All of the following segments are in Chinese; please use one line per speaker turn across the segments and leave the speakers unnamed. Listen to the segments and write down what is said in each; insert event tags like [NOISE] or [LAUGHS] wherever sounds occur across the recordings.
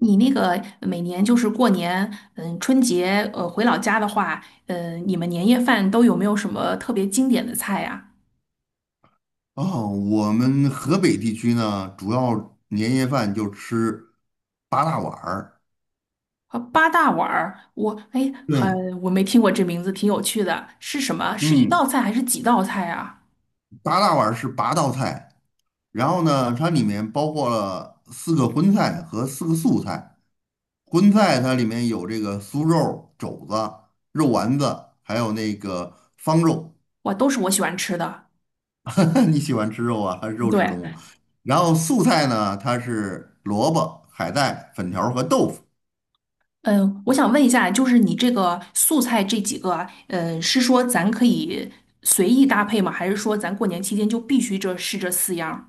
你那个每年就是过年，嗯，春节，回老家的话，嗯，你们年夜饭都有没有什么特别经典的菜呀？
哦，我们河北地区呢，主要年夜饭就吃八大碗儿。
啊，八大碗儿，我哎，很，
对，
我没听过这名字，挺有趣的，是什么？是一
嗯，
道菜还是几道菜啊？
八大碗儿是八道菜，然后呢，它里面包括了四个荤菜和四个素菜。荤菜它里面有这个酥肉、肘子、肉丸子，还有那个方肉。
哇，都是我喜欢吃的。
[LAUGHS] 你喜欢吃肉啊？[LAUGHS] 还是肉食
对，
动物？然后素菜呢，它是萝卜、海带、粉条儿和豆腐。
嗯，我想问一下，就是你这个素菜这几个，嗯，是说咱可以随意搭配吗？还是说咱过年期间就必须这是这四样儿。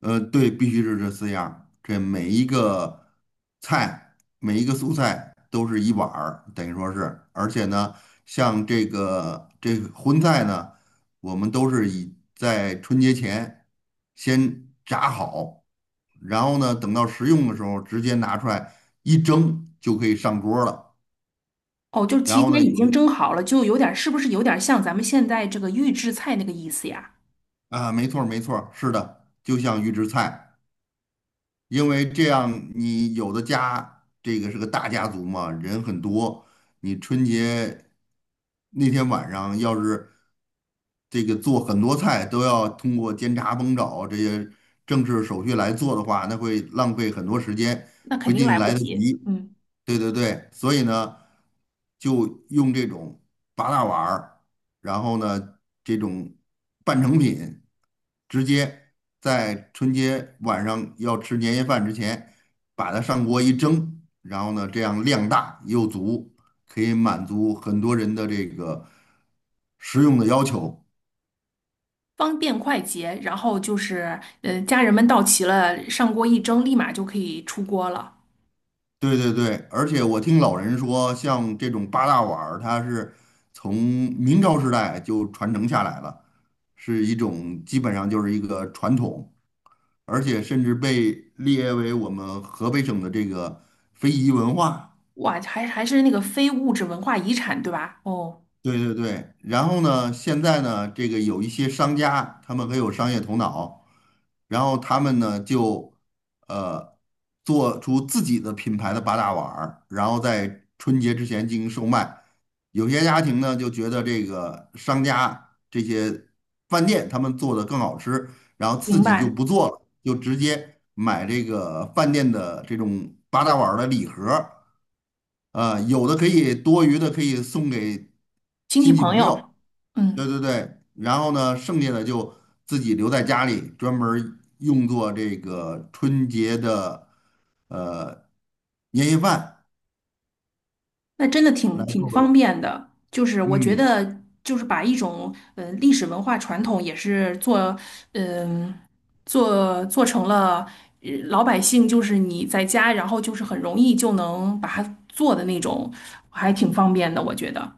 对，必须是这四样儿这每一个菜，每一个素菜都是一碗儿，等于说是。而且呢，像这个荤菜呢，我们都是以在春节前先炸好，然后呢，等到食用的时候直接拿出来一蒸就可以上桌儿了。
哦，就是
然
提
后
前
呢，
已经蒸好了，就有点是不是有点像咱们现在这个预制菜那个意思呀？
啊，没错儿,是的，就像预制菜。因为这样，你有的家这个是个大家族嘛，人很多，你春节那天晚上要是这个做很多菜都要通过煎炸烹炒这些正式手续来做的话，那会浪费很多时间，
那
不
肯
一
定
定
来不
来得
及，
及。
嗯，
对对对，所以呢，就用这种八大碗儿，然后呢，这种半成品，直接在春节晚上要吃年夜饭之前，把它上锅一蒸，然后呢，这样量大又足，可以满足很多人的这个食用的要求。
方便快捷，然后就是，家人们到齐了，上锅一蒸，立马就可以出锅了。
对对对，而且我听老人说，像这种八大碗儿，它是从明朝时代就传承下来了，是一种基本上就是一个传统，而且甚至被列为我们河北省的这个非遗文化。
哇，还是那个非物质文化遗产，对吧？哦，
对对对，然后呢，现在呢，这个有一些商家，他们很有商业头脑，然后他们呢就呃做出自己的品牌的八大碗儿，然后在春节之前进行售卖。有些家庭呢就觉得这个商家这些饭店他们做的更好吃，然后自
明
己就
白，
不做了，就直接买这个饭店的这种八大碗儿的礼盒儿。有的可以多余的可以送给
亲戚
亲戚
朋
朋
友，
友，对
嗯。
对对，然后呢，剩下的就自己留在家里，专门儿用作这个春节的呃年夜饭
那真的挺
来
挺
作为，
方便的，就是我觉
嗯，
得就是把一种历史文化传统也是做，嗯、做成了老百姓就是你在家，然后就是很容易就能把它做的那种，还挺方便的，我觉得。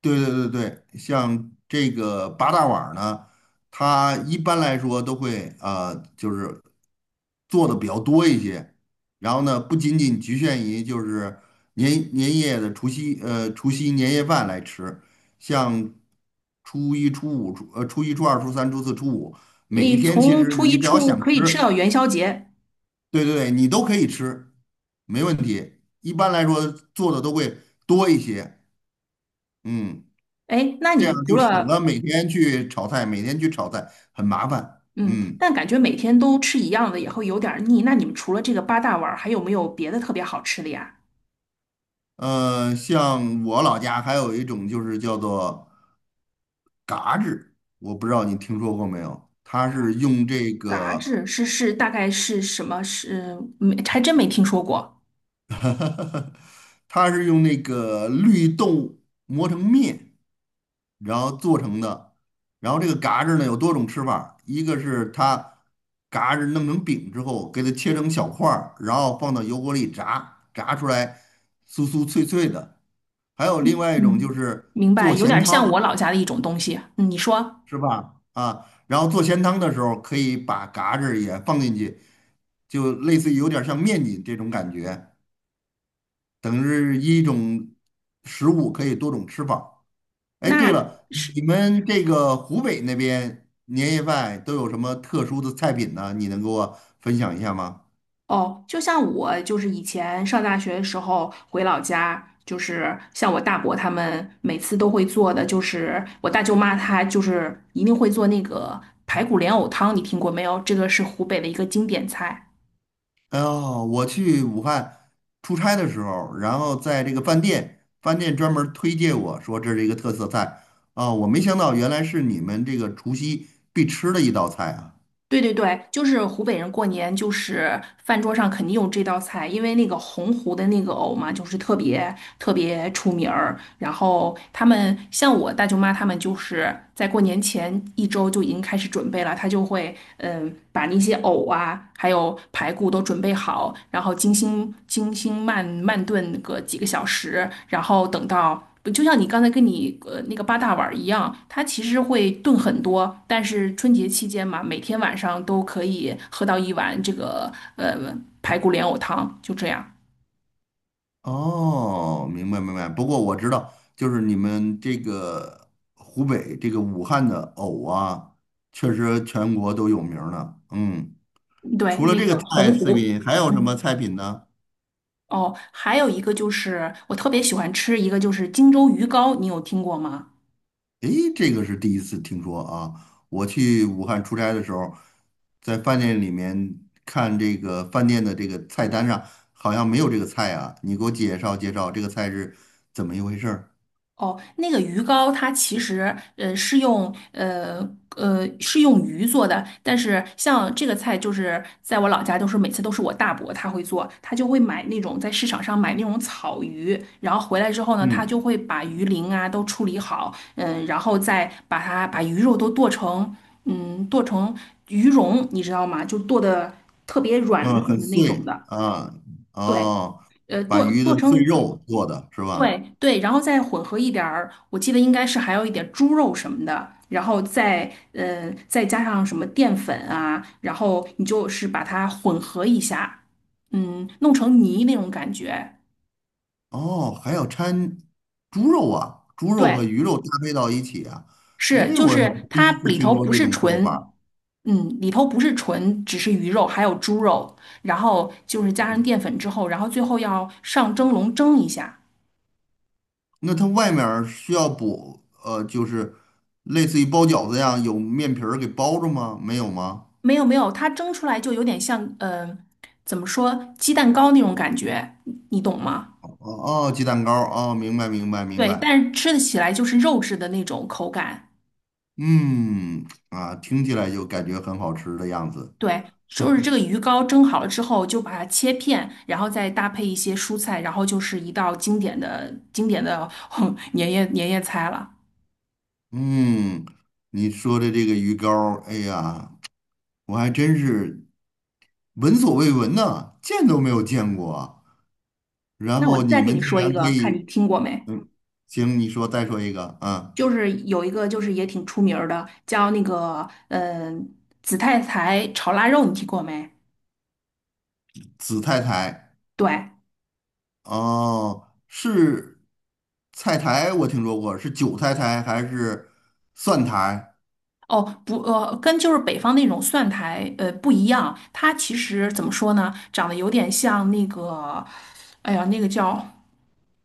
对对对对，像这个八大碗儿呢，它一般来说都会就是做的比较多一些。然后呢，不仅仅局限于就是年年夜的除夕呃除夕年夜饭来吃，像初一、初二、初三、初四、初五，每一
诶，
天其
从
实
初一
你只
初
要
五
想
可以吃
吃，
到元宵节。
对对对，你都可以吃，没问题。一般来说做的都会多一些，嗯。
哎，那你
这
们
样
除
就省了
了，
每天去炒菜，每天去炒菜很麻烦。
嗯，
嗯，
但感觉每天都吃一样的也会有点儿腻，那你们除了这个八大碗儿还有没有别的特别好吃的呀？
像我老家还有一种就是叫做嘎制，我不知道你听说过没有？它是用这
嘎
个
吱是大概是什么？是没还真没听说过。
[LAUGHS] 它是用那个绿豆磨成面，然后做成的。然后这个嘎子呢有多种吃法，一个是它嘎子弄成饼之后，给它切成小块儿，然后放到油锅里炸，炸出来酥酥脆脆的。还有另外一种就
嗯，
是
明白，
做
有
咸
点像我
汤，
老家的一种东西。嗯你说，
是吧？啊，然后做咸汤的时候可以把嘎子也放进去，就类似于有点像面筋这种感觉，等于是一种食物可以多种吃法。哎，对
那
了，
是。
你们这个湖北那边年夜饭都有什么特殊的菜品呢？你能给我分享一下吗？
哦，就像我就是以前上大学的时候回老家。就是像我大伯他们每次都会做的，就是我大舅妈她就是一定会做那个排骨莲藕汤，你听过没有？这个是湖北的一个经典菜。
哦，我去武汉出差的时候，然后在这个饭店，饭店专门推荐我说这是一个特色菜啊，我没想到原来是你们这个除夕必吃的一道菜啊。
对对对，就是湖北人过年，就是饭桌上肯定有这道菜，因为那个洪湖的那个藕嘛，就是特别特别出名儿。然后他们像我大舅妈，他们就是在过年前一周就已经开始准备了，她就会，嗯，把那些藕啊，还有排骨都准备好，然后精心精心慢慢炖个几个小时，然后等到。就像你刚才跟你那个八大碗儿一样，它其实会炖很多，但是春节期间嘛，每天晚上都可以喝到一碗这个，呃排骨莲藕汤，就这样。
哦，明白明白。不过我知道，就是你们这个湖北这个武汉的藕啊，确实全国都有名儿呢。嗯。
对，
除了
那
这个
个
菜
洪湖，
品，还有什么
嗯。
菜品呢？
哦，还有一个就是我特别喜欢吃一个就是荆州鱼糕，你有听过吗？
诶，这个是第一次听说啊！我去武汉出差的时候，在饭店里面看这个饭店的这个菜单上，好像没有这个菜啊。你给我介绍介绍这个菜是怎么一回事儿？
哦，那个鱼糕它其实呃是用呃呃是用鱼做的，但是像这个菜就是在我老家都是每次都是我大伯他会做，他就会买那种在市场上买那种草鱼，然后回来之后呢，他
嗯
就会把鱼鳞啊都处理好，嗯，然后再把它把鱼肉都剁成鱼蓉，你知道吗？就剁的特别软
嗯，
嫩
很
的那种
碎
的，
啊，
对。
哦，
呃，
把
剁
鱼
剁
的碎
成
肉做的是吧？
对对，然后再混合一点儿，我记得应该是还有一点猪肉什么的，然后再，嗯，再加上什么淀粉啊，然后你就是把它混合一下，嗯，弄成泥那种感觉。
哦，还要掺猪肉啊，猪肉和
对，
鱼肉搭配到一起啊。
是
诶，
就
我还
是
第
它
一次
里头
听说
不
这
是
种做
纯，
法。
嗯，里头不是纯，只是鱼肉，还有猪肉，然后就是加上淀粉之后，然后最后要上蒸笼蒸一下。
那它外面儿需要补，就是类似于包饺子一样，有面皮儿给包着吗？没有吗？
没有没有，它蒸出来就有点像，怎么说，鸡蛋糕那种感觉，你懂吗？
哦哦，鸡蛋糕儿，哦，明白明白明
对，
白。
但是吃的起来就是肉质的那种口感。
嗯，啊，听起来就感觉很好吃的样子。
对，就是这个鱼糕蒸好了之后，就把它切片，然后再搭配一些蔬菜，然后就是一道经典的经典的 [LAUGHS] 年夜菜了。
嗯，你说的这个鱼糕儿，哎呀，我还真是闻所未闻呢，见都没有见过啊然
那我
后你
再给
们
你
竟
说一
然可
个，看你
以，
听过没？
嗯，行，你说再说一个，嗯，
就是有一个就是也挺出名儿的，叫那个紫菜苔炒腊肉，你听过没？
紫菜苔。
对。
哦，是菜苔，我听说过，是韭菜苔还是蒜苔？
哦，不，跟就是北方那种蒜苔，不一样。它其实怎么说呢，长得有点像那个，哎呀，那个叫，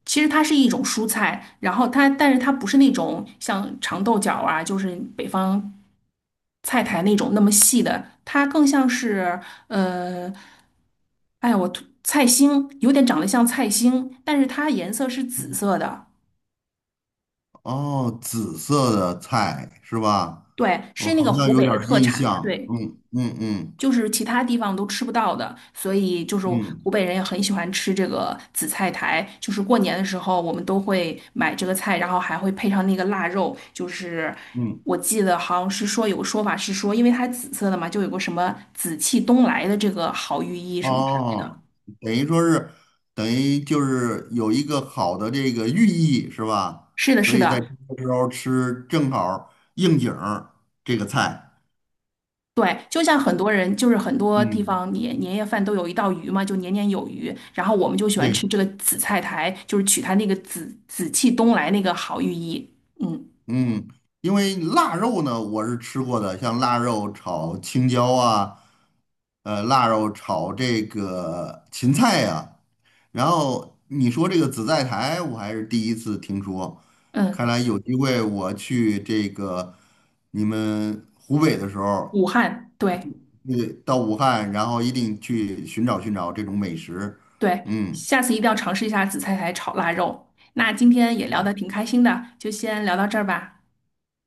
其实它是一种蔬菜，然后它，但是它不是那种像长豆角啊，就是北方菜苔那种那么细的，它更像是，呃，哎呀，我突菜心，有点长得像菜心，但是它颜色是紫色的，
哦，紫色的菜是吧？
对，
我
是那
好
个
像
湖
有
北
点
的
儿
特
印
产，
象。
对。
嗯嗯嗯
就是其他地方都吃不到的，所以就是湖
嗯
北人也很喜欢吃这个紫菜苔，就是过年的时候我们都会买这个菜，然后还会配上那个腊肉，就是
嗯。
我记得好像是说有个说法是说，因为它紫色的嘛，就有个什么紫气东来的这个好寓意什么之类的。
哦，等于说是，等于就是有一个好的这个寓意是吧？
是的，
所
是
以在这
的。
个时候吃正好儿应景儿这个菜。
对，就像很多人，就是很多地
嗯，
方年年夜饭都有一道鱼嘛，就年年有余。然后我们就喜欢
对。
吃这个紫菜苔，就是取它那个紫气东来那个好寓意。嗯。
嗯，因为腊肉呢，我是吃过的，像腊肉炒青椒啊，腊肉炒这个芹菜呀、然后你说这个紫菜苔，我还是第一次听说，
嗯，
看来有机会我去这个你们湖北的时候，
武汉，对。
对，到武汉，然后一定去寻找寻找这种美食。
对，
嗯，
下次一定要尝试一下紫菜苔炒腊肉。那今天也聊得挺
好
开心的，就先聊到这儿吧。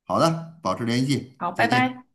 好的，保持联系，
好，拜
再见。
拜。